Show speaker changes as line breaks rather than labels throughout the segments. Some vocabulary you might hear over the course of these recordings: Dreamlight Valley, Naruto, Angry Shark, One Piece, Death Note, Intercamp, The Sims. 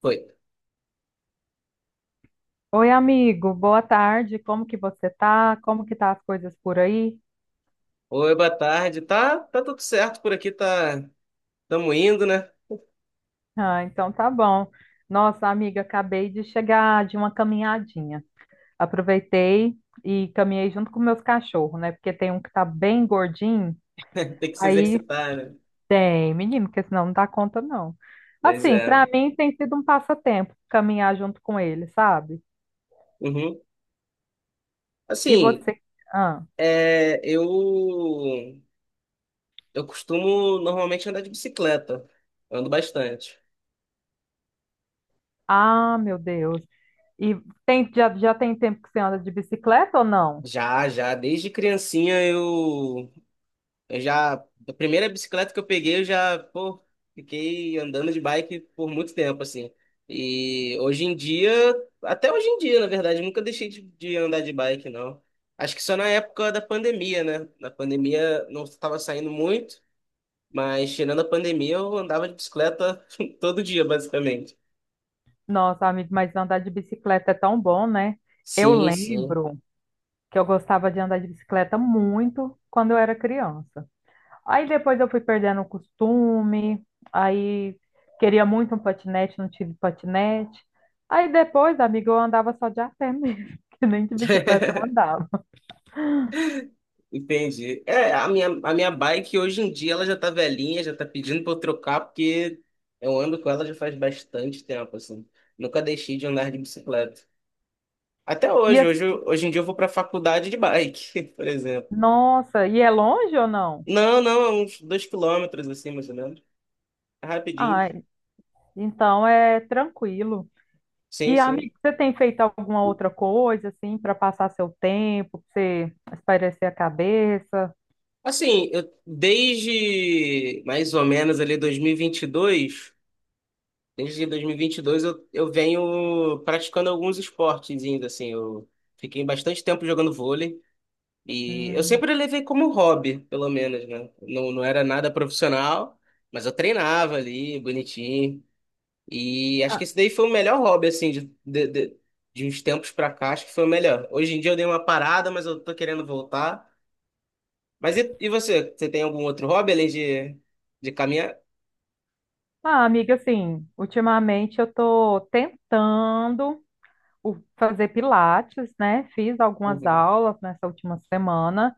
Foi.
Oi, amigo, boa tarde. Como que você tá? Como que tá as coisas por aí?
Oi, boa tarde. Tá tudo certo por aqui, tá. Estamos indo, né?
Ah, então tá bom. Nossa, amiga, acabei de chegar de uma caminhadinha. Aproveitei e caminhei junto com meus cachorros, né? Porque tem um que tá bem gordinho.
Tem que se
Aí
exercitar, né?
tem, menino, porque senão não dá conta, não.
Mas
Assim,
é.
pra mim tem sido um passatempo caminhar junto com ele, sabe?
Uhum.
E
Assim,
você? Ah,
eu costumo normalmente andar de bicicleta. Ando bastante.
ah, meu Deus. E tem, já tem tempo que você anda de bicicleta ou não?
Já, já, desde criancinha Eu já, a primeira bicicleta que eu peguei, eu já, pô, fiquei andando de bike por muito tempo, assim. E hoje em dia, até hoje em dia, na verdade, eu nunca deixei de andar de bike, não. Acho que só na época da pandemia, né? Na pandemia não estava saindo muito, mas tirando a pandemia, eu andava de bicicleta todo dia, basicamente.
Nossa, amigo, mas andar de bicicleta é tão bom, né? Eu
Sim, sim.
lembro que eu gostava de andar de bicicleta muito quando eu era criança. Aí depois eu fui perdendo o costume, aí queria muito um patinete, não tive patinete. Aí depois, amigo, eu andava só de a pé mesmo, que nem de bicicleta eu andava.
Entendi. É, a minha bike hoje em dia ela já tá velhinha, já tá pedindo pra eu trocar, porque eu ando com ela já faz bastante tempo, assim. Nunca deixei de andar de bicicleta. Até
E
hoje,
assim,
hoje, eu- hoje em dia eu vou pra faculdade de bike, por exemplo.
nossa, e é longe ou não?
Não, não, é uns 2 km, assim, mais ou menos. É rapidinho.
Ai, então é tranquilo.
Sim,
E,
sim.
amigo, você tem feito alguma outra coisa, assim, para passar seu tempo, para você espairecer a cabeça?
Assim, eu desde mais ou menos ali dois mil e vinte e dois. Desde 2022 eu venho praticando alguns esportes ainda, assim. Eu fiquei bastante tempo jogando vôlei e eu
Hum.
sempre levei como hobby, pelo menos, né? Não, não era nada profissional, mas eu treinava ali, bonitinho. E acho que
Ah,
esse daí foi o melhor hobby, assim, de uns tempos pra cá, acho que foi o melhor. Hoje em dia eu dei uma parada, mas eu tô querendo voltar. Mas e você? Você tem algum outro hobby além de caminhar?
ah, amiga, assim, ultimamente eu tô tentando fazer pilates, né? Fiz algumas
Uhum.
aulas nessa última semana.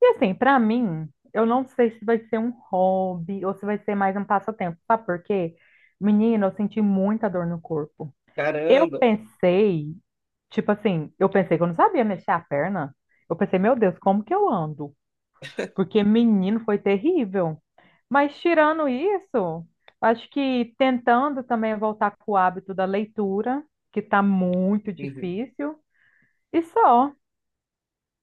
E, assim, para mim, eu não sei se vai ser um hobby ou se vai ser mais um passatempo. Sabe por quê? Menina, eu senti muita dor no corpo. Eu
Caramba!
pensei, tipo assim, eu pensei que eu não sabia mexer a perna. Eu pensei, meu Deus, como que eu ando? Porque menino foi terrível. Mas tirando isso, acho que tentando também voltar com o hábito da leitura, que tá muito
Uhum.
difícil, e só.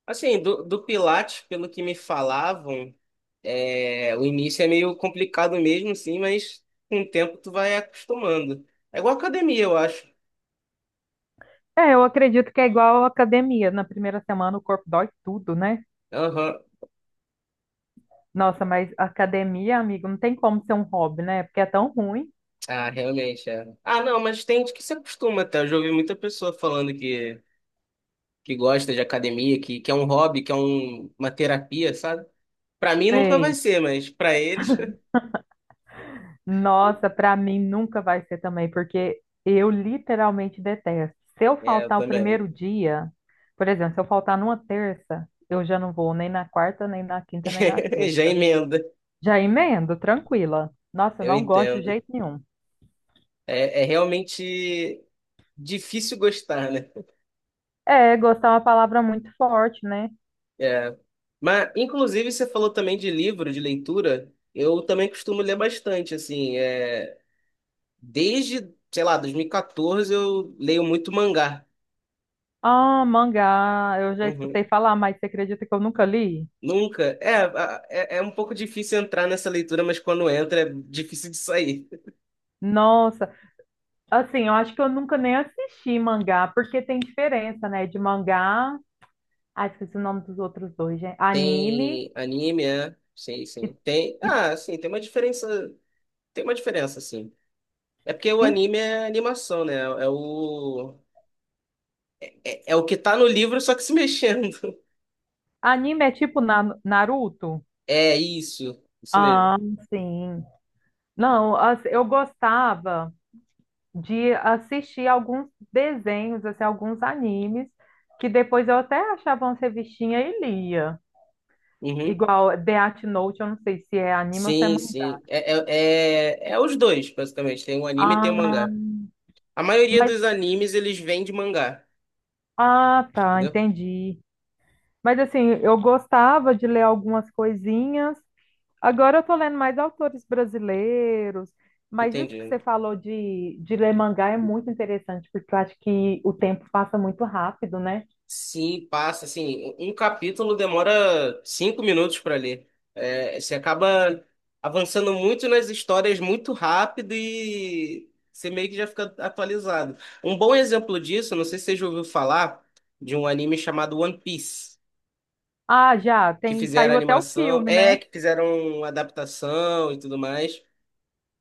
Assim, do Pilates, pelo que me falavam, o início é meio complicado mesmo, sim, mas com o tempo tu vai acostumando. É igual academia, eu acho.
É, eu acredito que é igual à academia. Na primeira semana o corpo dói tudo, né?
Aham.
Nossa, mas academia, amigo, não tem como ser um hobby, né? Porque é tão ruim.
Ah, realmente, é. Ah, não, mas tem gente que se acostuma até. Eu já ouvi muita pessoa falando que gosta de academia, que é um hobby, que é uma terapia, sabe? Pra mim nunca vai
Sei.
ser, mas pra eles,
Nossa, pra mim nunca vai ser também, porque eu literalmente detesto. Se eu
é, eu
faltar o
também.
primeiro dia, por exemplo, se eu faltar numa terça, eu já não vou nem na quarta, nem na quinta, nem na
Já
sexta.
emenda,
Já emendo, tranquila. Nossa, eu
eu
não gosto de
entendo.
jeito nenhum.
É, realmente difícil gostar, né?
É, gostar é uma palavra muito forte, né?
É. Mas, inclusive, você falou também de livro, de leitura. Eu também costumo ler bastante, assim. Desde, sei lá, 2014 eu leio muito mangá.
Ah, mangá, eu já
Uhum.
escutei falar, mas você acredita que eu nunca li?
Nunca. É, um pouco difícil entrar nessa leitura, mas quando entra é difícil de sair.
Nossa, assim, eu acho que eu nunca nem assisti mangá, porque tem diferença, né, de mangá. Ah, esqueci o nome dos outros dois, gente. Anime
Tem anime, é? Sim,
e,
sim. Tem.
e-
Ah, sim, tem uma diferença. Tem uma diferença, sim. É porque o
e-
anime é animação, né? É o. É, o que tá no livro, só que se mexendo.
anime é tipo Naruto?
É isso, isso mesmo.
Ah, sim. Não, assim, eu gostava de assistir alguns desenhos, assim, alguns animes, que depois eu até achava umas revistinhas e lia.
Uhum.
Igual Death Note, eu não sei se é anime ou se é
Sim,
mangá.
sim. É os dois, basicamente. Tem um anime e tem um
Ah,
mangá. A maioria
mas,
dos animes, eles vêm de mangá,
ah, tá,
entendeu?
entendi. Mas assim, eu gostava de ler algumas coisinhas, agora eu tô lendo mais autores brasileiros, mas isso que você
Entendi.
falou de ler mangá é muito interessante, porque eu acho que o tempo passa muito rápido, né?
Sim, passa, assim, um capítulo demora 5 minutos para ler. É, você acaba avançando muito nas histórias muito rápido e você meio que já fica atualizado. Um bom exemplo disso, não sei se você já ouviu falar, de um anime chamado One Piece,
Ah, já,
que
tem,
fizeram
saiu até o
animação,
filme,
é,
né?
que fizeram adaptação e tudo mais.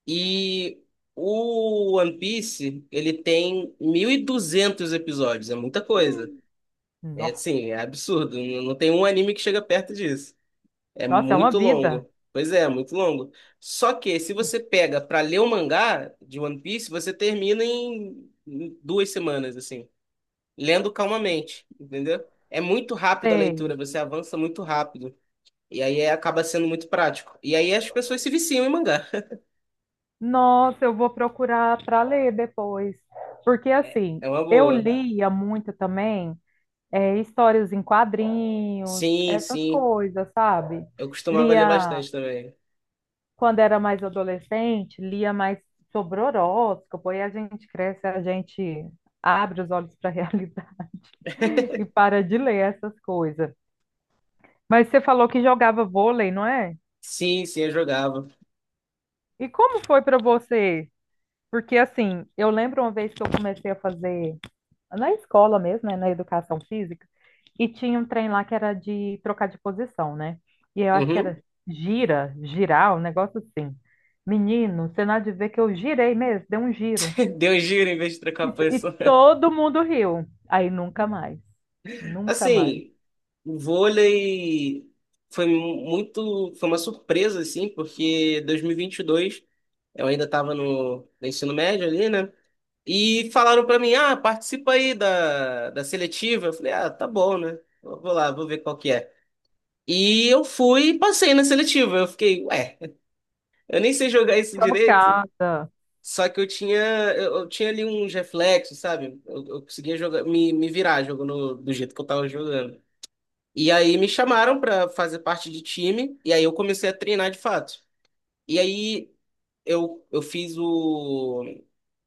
E o One Piece, ele tem 1.200 episódios, é muita coisa. É,
Nó-
sim, é absurdo. Não tem um anime que chega perto disso. É
Nossa, é uma
muito
vida.
longo. Pois é, é muito longo. Só que se você pega pra ler o mangá de One Piece, você termina em 2 semanas, assim, lendo calmamente, entendeu? É muito rápido a leitura,
Sei.
você avança muito rápido. E aí acaba sendo muito prático. E aí as pessoas se viciam em mangá.
Nossa, eu vou procurar para ler depois. Porque
É
assim,
é uma
eu
boa.
lia muito também histórias em quadrinhos,
Sim,
essas
sim.
coisas, sabe?
Eu costumava ler
Lia
bastante também.
quando era mais adolescente, lia mais sobre horóscopo, aí a gente cresce, a gente abre os olhos para a realidade e para de ler essas coisas. Mas você falou que jogava vôlei, não é?
Sim, sim, eu jogava.
E como foi para você? Porque assim, eu lembro uma vez que eu comecei a fazer na escola mesmo, né, na educação física, e tinha um trem lá que era de trocar de posição, né? E eu acho que
Uhum.
era gira, girar, um negócio assim. Menino, você não há de ver que eu girei mesmo, dei um giro.
Deu um giro em vez de trocar
E,
a
e
pessoa.
todo mundo riu. Aí nunca mais. Nunca mais.
Assim, o vôlei foi muito, foi uma surpresa assim, porque 2022 eu ainda estava no ensino médio ali, né? E falaram para mim: "Ah, participa aí da seletiva". Eu falei: "Ah, tá bom, né? Eu vou lá, vou ver qual que é". E eu fui e passei na seletiva. Eu fiquei, ué, eu nem sei jogar isso direito.
Chocada.
Só que eu tinha ali uns reflexos, sabe? Eu conseguia jogar, me virar jogando do jeito que eu tava jogando. E aí me chamaram pra fazer parte de time, e aí eu comecei a treinar de fato. E aí eu fiz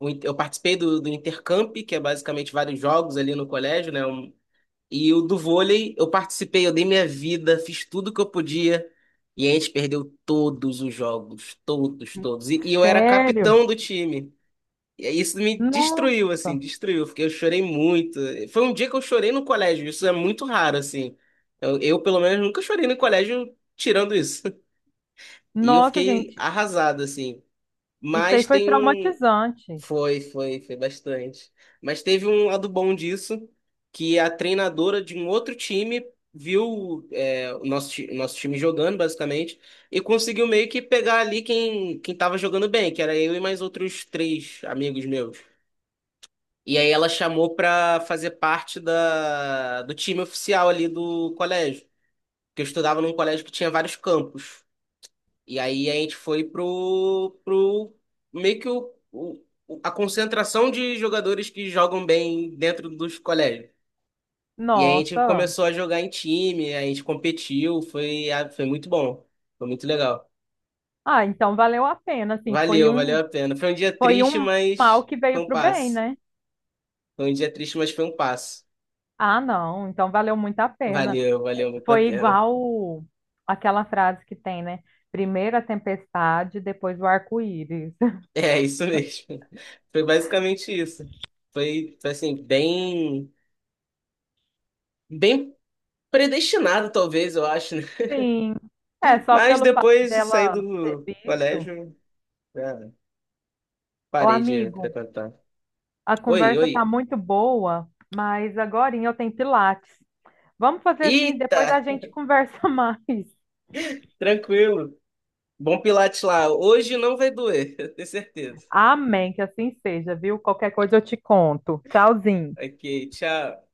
o in- eu participei do Intercamp, que é basicamente vários jogos ali no colégio, né? E o do vôlei, eu participei, eu dei minha vida, fiz tudo que eu podia. E a gente perdeu todos os jogos, todos, todos. E eu era
Sério?
capitão do time. E aí isso me destruiu, assim,
Nossa.
destruiu. Porque eu chorei muito. Foi um dia que eu chorei no colégio. Isso é muito raro, assim. Eu, pelo menos, nunca chorei no colégio tirando isso. E eu
Nossa,
fiquei
gente.
arrasado, assim.
Isso aí
Mas
foi
tem um.
traumatizante.
Foi bastante. Mas teve um lado bom disso, que a treinadora de um outro time viu nosso time jogando, basicamente, e conseguiu meio que pegar ali quem tava jogando bem, que era eu e mais outros três amigos meus. E aí ela chamou pra fazer parte do time oficial ali do colégio, porque eu estudava num colégio que tinha vários campos. E aí a gente foi pro meio que a concentração de jogadores que jogam bem dentro dos colégios. E aí a gente
Nossa.
começou a jogar em time, a gente competiu, foi, ah, foi muito bom, foi muito legal.
Ah, então valeu a pena, assim,
Valeu, valeu a pena. Foi um dia
foi
triste,
um mal
mas
que
foi
veio
um
pro bem,
passo.
né?
Foi um dia triste, mas foi um passo.
Ah, não, então valeu muito a pena.
Valeu, valeu muito a
Foi
pena.
igual aquela frase que tem, né? Primeiro a tempestade, depois o arco-íris.
É isso mesmo. Foi basicamente isso. Foi assim, bem, bem predestinado, talvez, eu acho, né?
Sim. É, só
Mas
pelo fato
depois de sair
dela ter
do
visto.
colégio, já
Ô,
parei de
amigo,
frequentar.
a
Oi,
conversa tá
oi.
muito boa, mas agora eu tenho Pilates. Vamos fazer assim,
Eita,
depois a gente conversa mais.
tranquilo. Bom Pilates lá. Hoje não vai doer, eu tenho certeza.
Amém, que assim seja, viu? Qualquer coisa eu te conto. Tchauzinho.
Ok, tchau.